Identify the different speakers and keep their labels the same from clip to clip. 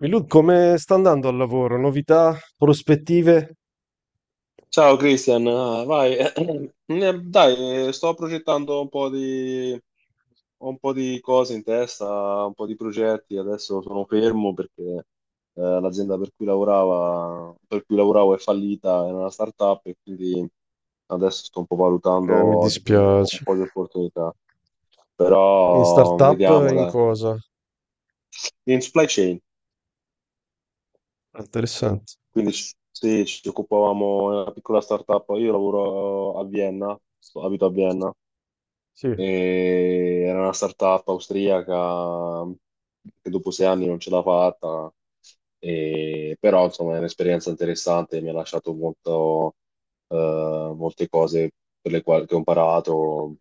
Speaker 1: Milud, come sta andando al lavoro? Novità, prospettive?
Speaker 2: Ciao Cristian, vai. Dai, sto progettando un po' di, ho un po' di cose in testa, un po' di progetti. Adesso sono fermo perché l'azienda per cui lavoravo è fallita, era una startup e quindi adesso sto un po'
Speaker 1: Mi
Speaker 2: valutando un
Speaker 1: dispiace.
Speaker 2: po' di opportunità.
Speaker 1: In
Speaker 2: Però
Speaker 1: startup,
Speaker 2: vediamo,
Speaker 1: in
Speaker 2: dai.
Speaker 1: cosa?
Speaker 2: In supply chain,
Speaker 1: Ah, interessante.
Speaker 2: quindi sì, ci occupavamo di una piccola startup. Io lavoro a Vienna, abito a Vienna.
Speaker 1: Sì,
Speaker 2: E era una startup austriaca che dopo 6 anni non ce l'ha fatta, però insomma è un'esperienza interessante, mi ha lasciato molto, molte cose per le quali che ho imparato.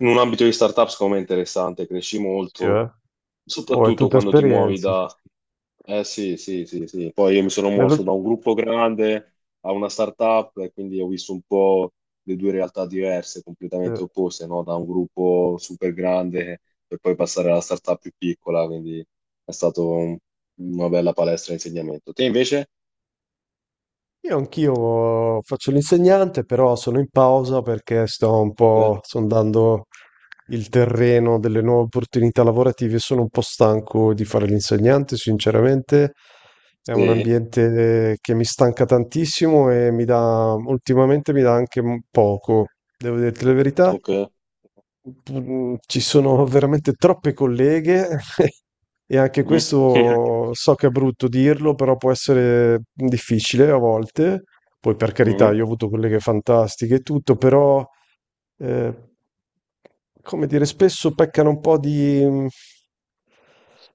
Speaker 2: In un ambito di startup, secondo me è interessante, cresci
Speaker 1: sì,
Speaker 2: molto,
Speaker 1: eh. Oh, è
Speaker 2: soprattutto
Speaker 1: tutta
Speaker 2: quando ti muovi.
Speaker 1: esperienza.
Speaker 2: Eh sì, sì, sì, sì. Poi io mi sono
Speaker 1: Nello.
Speaker 2: mosso da un gruppo grande a una startup e quindi ho visto un po' le due realtà diverse,
Speaker 1: Sì.
Speaker 2: completamente opposte, no? Da un gruppo super grande per poi passare alla startup più piccola, quindi è stato un- una bella palestra di insegnamento. Te invece?
Speaker 1: Io anch'io faccio l'insegnante, però sono in pausa perché sto un
Speaker 2: Ok.
Speaker 1: po' sondando il terreno delle nuove opportunità lavorative. Sono un po' stanco di fare l'insegnante, sinceramente. È un
Speaker 2: Sì,
Speaker 1: ambiente che mi stanca tantissimo e mi dà, ultimamente mi dà anche poco. Devo dirti la verità,
Speaker 2: ok.
Speaker 1: ci sono veramente troppe colleghe e anche
Speaker 2: Mhm. Sì.
Speaker 1: questo so che è brutto dirlo, però può essere difficile a volte. Poi per carità,
Speaker 2: Mhm.
Speaker 1: io ho avuto colleghe fantastiche e tutto, però eh, come dire, spesso peccano un po' di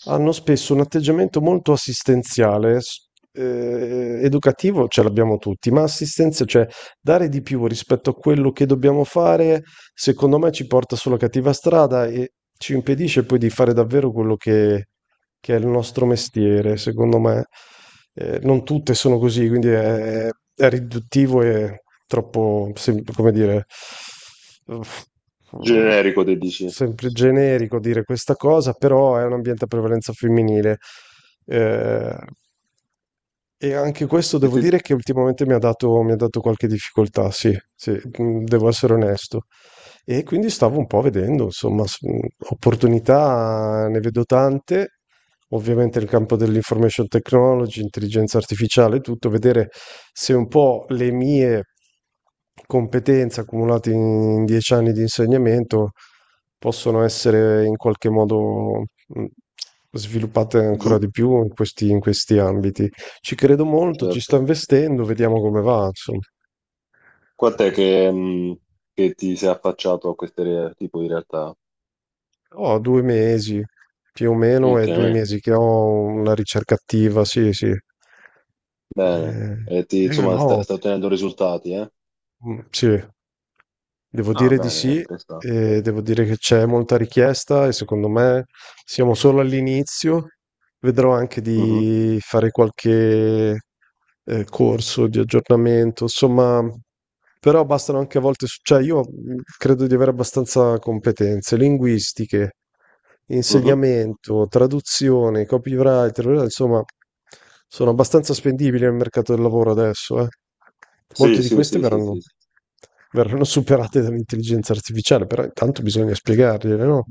Speaker 1: hanno spesso un atteggiamento molto assistenziale, educativo ce l'abbiamo tutti, ma assistenza, cioè dare di più rispetto a quello che dobbiamo fare, secondo me ci porta sulla cattiva strada e ci impedisce poi di fare davvero quello che è il nostro mestiere, secondo me. Non tutte sono così, quindi è riduttivo e troppo, come dire, uff,
Speaker 2: Generico, te dici.
Speaker 1: sempre generico dire questa cosa, però è un ambiente a prevalenza femminile. Eh, e anche questo
Speaker 2: E
Speaker 1: devo
Speaker 2: te...
Speaker 1: dire che ultimamente mi ha dato qualche difficoltà, sì, sì, devo essere onesto. E quindi stavo un po' vedendo, insomma, opportunità ne vedo tante, ovviamente nel campo dell'information technology, intelligenza artificiale, tutto, vedere se un po' le mie competenze accumulate in 10 anni di insegnamento possono essere in qualche modo mm, sviluppate
Speaker 2: Giù,
Speaker 1: ancora di più in questi ambiti. Ci credo molto, ci sto
Speaker 2: certo.
Speaker 1: investendo, vediamo come va, insomma.
Speaker 2: Quant'è che ti sei affacciato a questo tipo di realtà?
Speaker 1: Ho 2 mesi, più o meno,
Speaker 2: Ok.
Speaker 1: è 2 mesi che ho una ricerca attiva, sì, sì.
Speaker 2: Bene, e
Speaker 1: Io
Speaker 2: insomma, sta,
Speaker 1: no,
Speaker 2: sta ottenendo risultati, eh?
Speaker 1: sì, devo
Speaker 2: Ah,
Speaker 1: dire di
Speaker 2: bene,
Speaker 1: sì,
Speaker 2: presta.
Speaker 1: devo dire che c'è molta richiesta e secondo me siamo solo all'inizio. Vedrò anche
Speaker 2: Mhm,
Speaker 1: di fare qualche corso di aggiornamento, insomma. Però bastano anche a volte, cioè io credo di avere abbastanza competenze linguistiche,
Speaker 2: mhm.
Speaker 1: insegnamento, traduzione, copywriter, insomma, sono abbastanza spendibili nel mercato del lavoro adesso, eh. Molte
Speaker 2: Sì,
Speaker 1: di
Speaker 2: sì,
Speaker 1: queste
Speaker 2: sì, sì,
Speaker 1: verranno,
Speaker 2: sì,
Speaker 1: verranno superate dall'intelligenza artificiale, però intanto bisogna spiegargliele, no?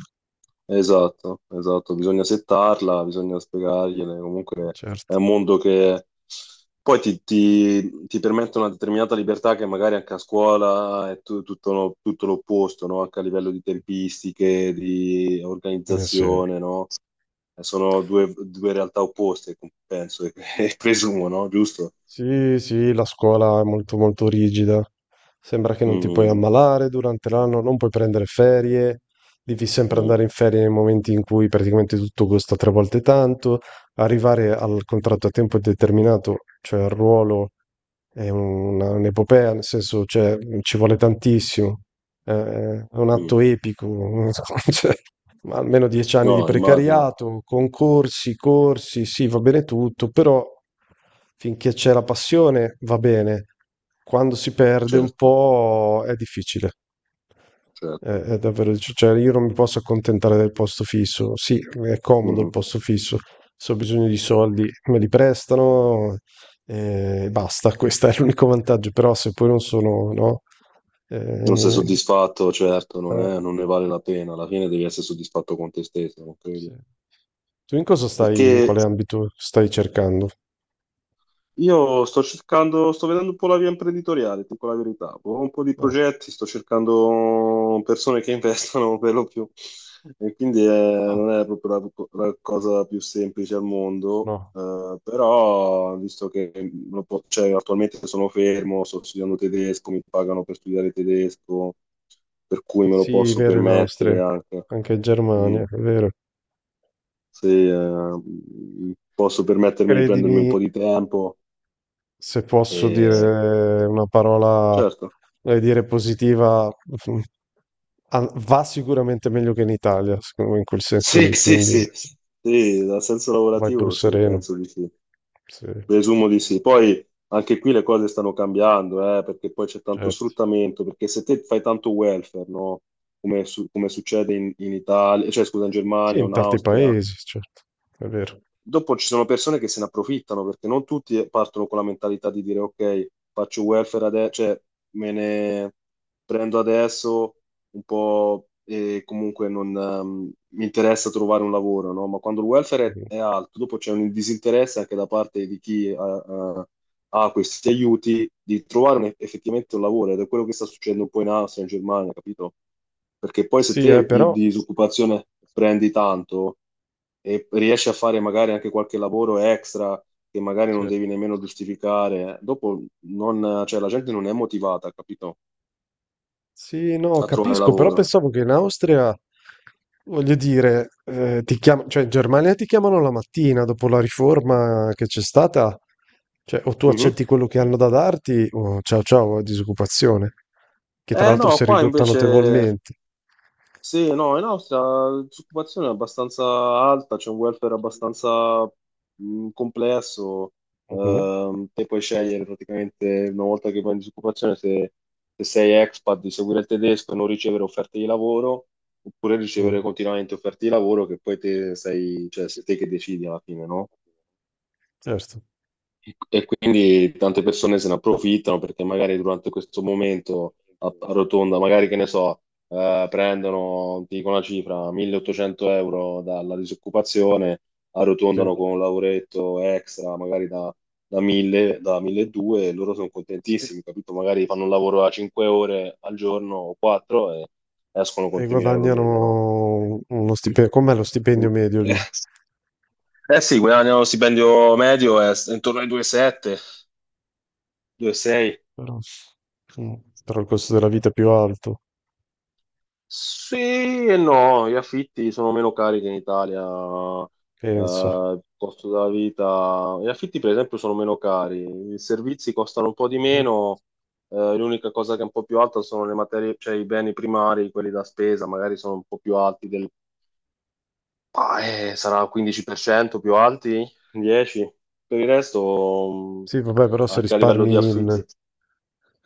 Speaker 2: esatto, esatto, bisogna settarla, bisogna spiegargliele, comunque è
Speaker 1: Certo.
Speaker 2: un mondo che poi ti permette una determinata libertà che magari anche a scuola è tutto, tutto l'opposto, no? Anche a livello di tempistiche, di
Speaker 1: Eh sì.
Speaker 2: organizzazione, no? Sono due realtà opposte, penso e e presumo, no? Giusto?
Speaker 1: Sì, sì, la scuola è molto molto rigida. Sembra che non ti puoi
Speaker 2: Mm,
Speaker 1: ammalare durante l'anno, non puoi prendere ferie, devi sempre
Speaker 2: mm.
Speaker 1: andare in ferie nei momenti in cui praticamente tutto costa tre volte tanto. Arrivare al contratto a tempo determinato, cioè al ruolo, è un'epopea, nel senso, cioè, ci vuole tantissimo. Eh, È un
Speaker 2: Mm.
Speaker 1: atto epico. Cioè ma almeno 10 anni di
Speaker 2: No, immagino,
Speaker 1: precariato, concorsi, corsi, sì, va bene tutto, però finché c'è la passione va bene, quando si perde un
Speaker 2: certo,
Speaker 1: po' è difficile. È,
Speaker 2: certo.
Speaker 1: è davvero, cioè io non mi posso accontentare del posto fisso. Sì, è comodo il
Speaker 2: Mhm.
Speaker 1: posto fisso. Se ho bisogno di soldi me li prestano e basta. Questo è l'unico vantaggio. Però se poi non sono, no?
Speaker 2: Non sei
Speaker 1: Eh,
Speaker 2: soddisfatto, certo,
Speaker 1: eh,
Speaker 2: non ne vale la pena. Alla fine devi essere soddisfatto con te stesso, non credi?
Speaker 1: sì. Tu in cosa
Speaker 2: E che,
Speaker 1: stai, in quale ambito stai cercando?
Speaker 2: Io sto vedendo un po' la via imprenditoriale, ti dico la verità. Ho un po' di
Speaker 1: No,
Speaker 2: progetti, sto cercando persone che investono per lo più. E quindi
Speaker 1: no,
Speaker 2: non è proprio la cosa più semplice al mondo,
Speaker 1: no.
Speaker 2: però visto che cioè, attualmente sono fermo, sto studiando tedesco, mi pagano per studiare tedesco, per cui me lo
Speaker 1: Sì, è
Speaker 2: posso
Speaker 1: vero, in Austria,
Speaker 2: permettere anche.
Speaker 1: anche in
Speaker 2: Mm.
Speaker 1: Germania, è vero.
Speaker 2: Se posso permettermi di prendermi un
Speaker 1: Credimi,
Speaker 2: po' di tempo.
Speaker 1: se
Speaker 2: Sì.
Speaker 1: posso dire una parola,
Speaker 2: Certo.
Speaker 1: voglio dire positiva, mm, ah, va sicuramente meglio che in Italia, secondo me, in quel senso
Speaker 2: Sì,
Speaker 1: lì,
Speaker 2: sì,
Speaker 1: quindi
Speaker 2: sì, sì, dal senso
Speaker 1: vai pur
Speaker 2: lavorativo sì,
Speaker 1: sereno.
Speaker 2: penso di sì,
Speaker 1: Sì,
Speaker 2: presumo di sì. Poi anche qui le cose stanno cambiando, perché poi c'è tanto
Speaker 1: certo.
Speaker 2: sfruttamento, perché se te fai tanto welfare, no? Come succede in, in Italia, cioè scusa, in
Speaker 1: Sì,
Speaker 2: Germania o
Speaker 1: in
Speaker 2: in
Speaker 1: tanti
Speaker 2: Austria.
Speaker 1: paesi, certo, è vero.
Speaker 2: Dopo ci sono persone che se ne approfittano perché non tutti partono con la mentalità di dire ok, faccio welfare adesso, cioè me ne prendo adesso un po' e comunque non mi interessa trovare un lavoro, no? Ma quando il welfare
Speaker 1: Mh-mh.
Speaker 2: è alto, dopo c'è un disinteresse anche da parte di chi ha questi aiuti di trovare effettivamente un lavoro ed è quello che sta succedendo un po' in Austria, in Germania, capito? Perché poi se
Speaker 1: Sì,
Speaker 2: te di
Speaker 1: però
Speaker 2: disoccupazione prendi tanto e riesci a fare magari anche qualche lavoro extra che magari non
Speaker 1: sì.
Speaker 2: devi nemmeno giustificare, dopo non, cioè, la gente non è motivata, capito?
Speaker 1: Sì, no,
Speaker 2: A trovare
Speaker 1: capisco, però
Speaker 2: lavoro.
Speaker 1: pensavo che in Austria, voglio dire, cioè in Germania ti chiamano la mattina dopo la riforma che c'è stata, cioè o tu
Speaker 2: Mhm.
Speaker 1: accetti quello che hanno da darti o ciao ciao, disoccupazione, che tra
Speaker 2: Eh
Speaker 1: l'altro
Speaker 2: no,
Speaker 1: si è
Speaker 2: qua
Speaker 1: ridotta
Speaker 2: invece.
Speaker 1: notevolmente.
Speaker 2: Sì, no, in Austria la disoccupazione è abbastanza alta, c'è un welfare abbastanza complesso.
Speaker 1: Mhm,
Speaker 2: Te puoi scegliere praticamente una volta che vai in disoccupazione se sei expat di seguire il tedesco e non ricevere offerte di lavoro oppure
Speaker 1: mm,
Speaker 2: ricevere continuamente offerte di lavoro che poi te sei, cioè sei te che decidi alla fine, no?
Speaker 1: certo.
Speaker 2: E quindi tante persone se ne approfittano perché magari durante questo momento a rotonda, magari che ne so, prendono, ti dico una cifra, 1800 euro dalla disoccupazione,
Speaker 1: Sì.
Speaker 2: arrotondano con un lavoretto extra, magari da, 1000, da 1200 e loro sono
Speaker 1: Sì.
Speaker 2: contentissimi, capito? Magari fanno un lavoro a 5 ore al giorno o 4 e escono con
Speaker 1: E
Speaker 2: 3000 euro al
Speaker 1: guadagnano
Speaker 2: mese, no?
Speaker 1: uno stipendio, com'è lo stipendio medio
Speaker 2: Eh,
Speaker 1: lì?
Speaker 2: eh sì, guadagnano lo stipendio medio è intorno ai 2,7, 2,6.
Speaker 1: Però, mm, però il costo della vita è più alto,
Speaker 2: Sì e no, gli affitti sono meno cari che in Italia,
Speaker 1: penso.
Speaker 2: il costo della vita, gli affitti per esempio sono meno cari, i servizi costano un po' di meno, l'unica cosa che è un po' più alta sono le materie, cioè i beni primari, quelli da spesa, magari sono un po' più alti sarà 15% più alti, 10%, per cento, per il resto
Speaker 1: Sì, vabbè, però se
Speaker 2: anche a livello di
Speaker 1: risparmi in,
Speaker 2: affitti.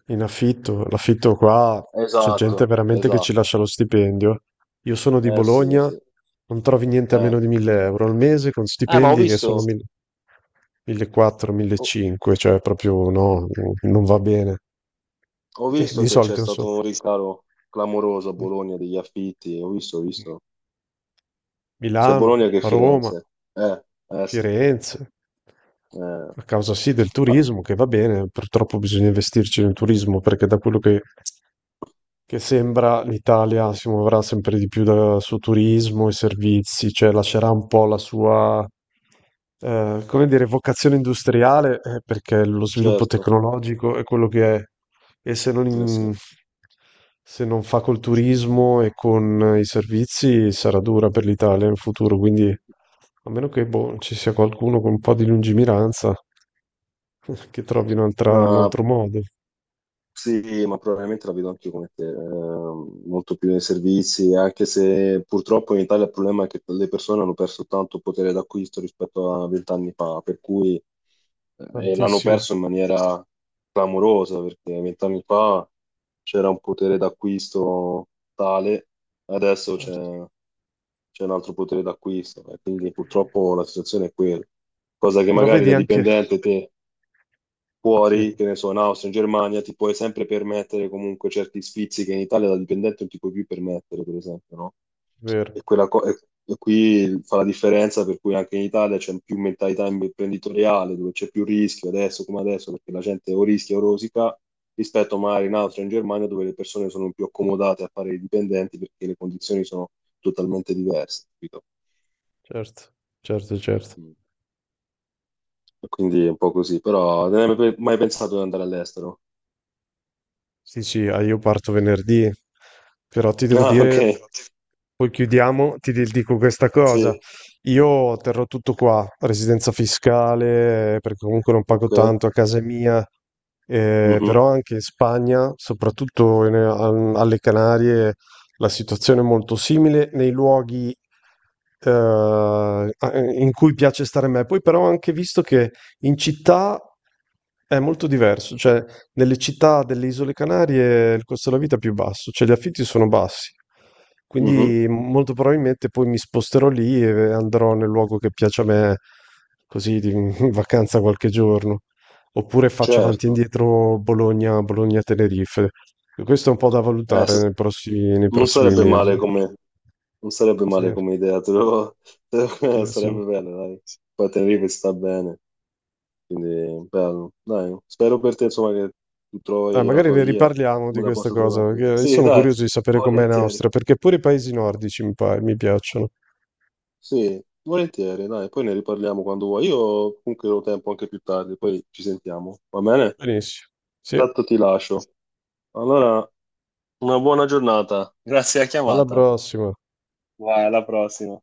Speaker 1: in affitto, l'affitto qua c'è
Speaker 2: Esatto,
Speaker 1: gente veramente che ci
Speaker 2: esatto,
Speaker 1: lascia lo stipendio. Io sono di
Speaker 2: eh sì, eh
Speaker 1: Bologna,
Speaker 2: sì.
Speaker 1: non trovi niente a
Speaker 2: Eh,
Speaker 1: meno di 1000 euro al mese con
Speaker 2: eh, ma ho
Speaker 1: stipendi che sono
Speaker 2: visto...
Speaker 1: 1000 1400, 1500, cioè proprio no, non va bene.
Speaker 2: Ho
Speaker 1: E
Speaker 2: visto
Speaker 1: di
Speaker 2: che c'è
Speaker 1: solito insomma.
Speaker 2: stato un ricaro clamoroso a
Speaker 1: Mh.
Speaker 2: Bologna degli affitti, ho visto, sia a
Speaker 1: Milano,
Speaker 2: Bologna che a
Speaker 1: Roma,
Speaker 2: Firenze. Eh sì,
Speaker 1: Firenze.
Speaker 2: eh.
Speaker 1: A causa sì del
Speaker 2: Ah,
Speaker 1: turismo che va bene, purtroppo bisogna investirci nel turismo perché da quello che che sembra l'Italia si muoverà sempre di più dal suo turismo e servizi, cioè lascerà un po' la sua, come dire, vocazione industriale, perché lo sviluppo
Speaker 2: certo,
Speaker 1: tecnologico è quello che è, e se non,
Speaker 2: eh sì.
Speaker 1: in- se non fa col turismo e con i servizi sarà dura per l'Italia in futuro, quindi a meno che boh, ci sia qualcuno con un po' di lungimiranza che trovi un
Speaker 2: No,
Speaker 1: altro modo,
Speaker 2: sì, ma probabilmente la vedo anche come te, molto più nei servizi, anche se purtroppo in Italia il problema è che le persone hanno perso tanto potere d'acquisto rispetto a 20 anni fa, per cui e l'hanno
Speaker 1: tantissimo,
Speaker 2: perso in maniera clamorosa, perché 20 anni fa c'era un potere d'acquisto tale, adesso c'è
Speaker 1: certo.
Speaker 2: c'è un altro potere d'acquisto, e quindi purtroppo la situazione è quella, cosa che
Speaker 1: Però
Speaker 2: magari
Speaker 1: vedi
Speaker 2: da
Speaker 1: anche,
Speaker 2: dipendente te
Speaker 1: sì.
Speaker 2: fuori, che ne so, in Austria, in Germania, ti puoi sempre permettere comunque certi sfizi che in Italia da dipendente non ti puoi più permettere, per esempio, no?
Speaker 1: Vero,
Speaker 2: E qui fa la differenza per cui anche in Italia c'è più mentalità imprenditoriale, dove c'è più rischio adesso come adesso, perché la gente o rischia o rosica, rispetto magari in Austria, in Germania, dove le persone sono più accomodate a fare i dipendenti perché le condizioni sono totalmente diverse, capito?
Speaker 1: certo, certo, certo.
Speaker 2: Mm. Quindi è un po' così, però non hai mai pensato di andare all'estero?
Speaker 1: Sì, sì, ah, io parto venerdì, però ti devo
Speaker 2: Ah, ok,
Speaker 1: dire poi chiudiamo, dico questa cosa.
Speaker 2: sì.
Speaker 1: Io terrò tutto qua, residenza fiscale, perché comunque non pago
Speaker 2: Ok.
Speaker 1: tanto a casa mia,
Speaker 2: Mhm,
Speaker 1: però anche in Spagna, soprattutto alle Canarie, la situazione è molto simile nei luoghi in cui piace stare a me. Poi però ho anche visto che in città è molto diverso, cioè nelle città delle Isole Canarie il costo della vita è più basso, cioè gli affitti sono bassi.
Speaker 2: mhm,
Speaker 1: Quindi molto probabilmente poi mi sposterò lì e andrò nel luogo che piace a me, in vacanza qualche giorno. Oppure faccio avanti e
Speaker 2: certo.
Speaker 1: indietro Bologna, Bologna-Tenerife. E questo è un po' da
Speaker 2: Eh,
Speaker 1: valutare
Speaker 2: s-
Speaker 1: nei prossimi, nei
Speaker 2: non
Speaker 1: prossimi
Speaker 2: sarebbe male
Speaker 1: mesi.
Speaker 2: come, Non sarebbe
Speaker 1: Sì,
Speaker 2: male come idea,
Speaker 1: sì, sì.
Speaker 2: sarebbe bello, dai. Poi Tenerife sta bene, quindi bello. Dai, spero per te, insomma, che tu trovi la
Speaker 1: Magari
Speaker 2: tua
Speaker 1: ne
Speaker 2: via,
Speaker 1: riparliamo di
Speaker 2: come la
Speaker 1: questa
Speaker 2: possa trovare
Speaker 1: cosa,
Speaker 2: anche
Speaker 1: perché
Speaker 2: io.
Speaker 1: io
Speaker 2: Sì,
Speaker 1: sono
Speaker 2: dai,
Speaker 1: curioso di sapere com'è in
Speaker 2: volentieri.
Speaker 1: Austria, perché pure i paesi nordici mi piacciono.
Speaker 2: Sì, volentieri, dai, poi ne riparliamo quando vuoi. Io comunque ho tempo anche più tardi, poi ci sentiamo, va bene?
Speaker 1: Benissimo. Sì.
Speaker 2: Tanto ti lascio. Allora, una buona giornata. Grazie alla
Speaker 1: Alla
Speaker 2: chiamata.
Speaker 1: prossima.
Speaker 2: Vai, alla prossima.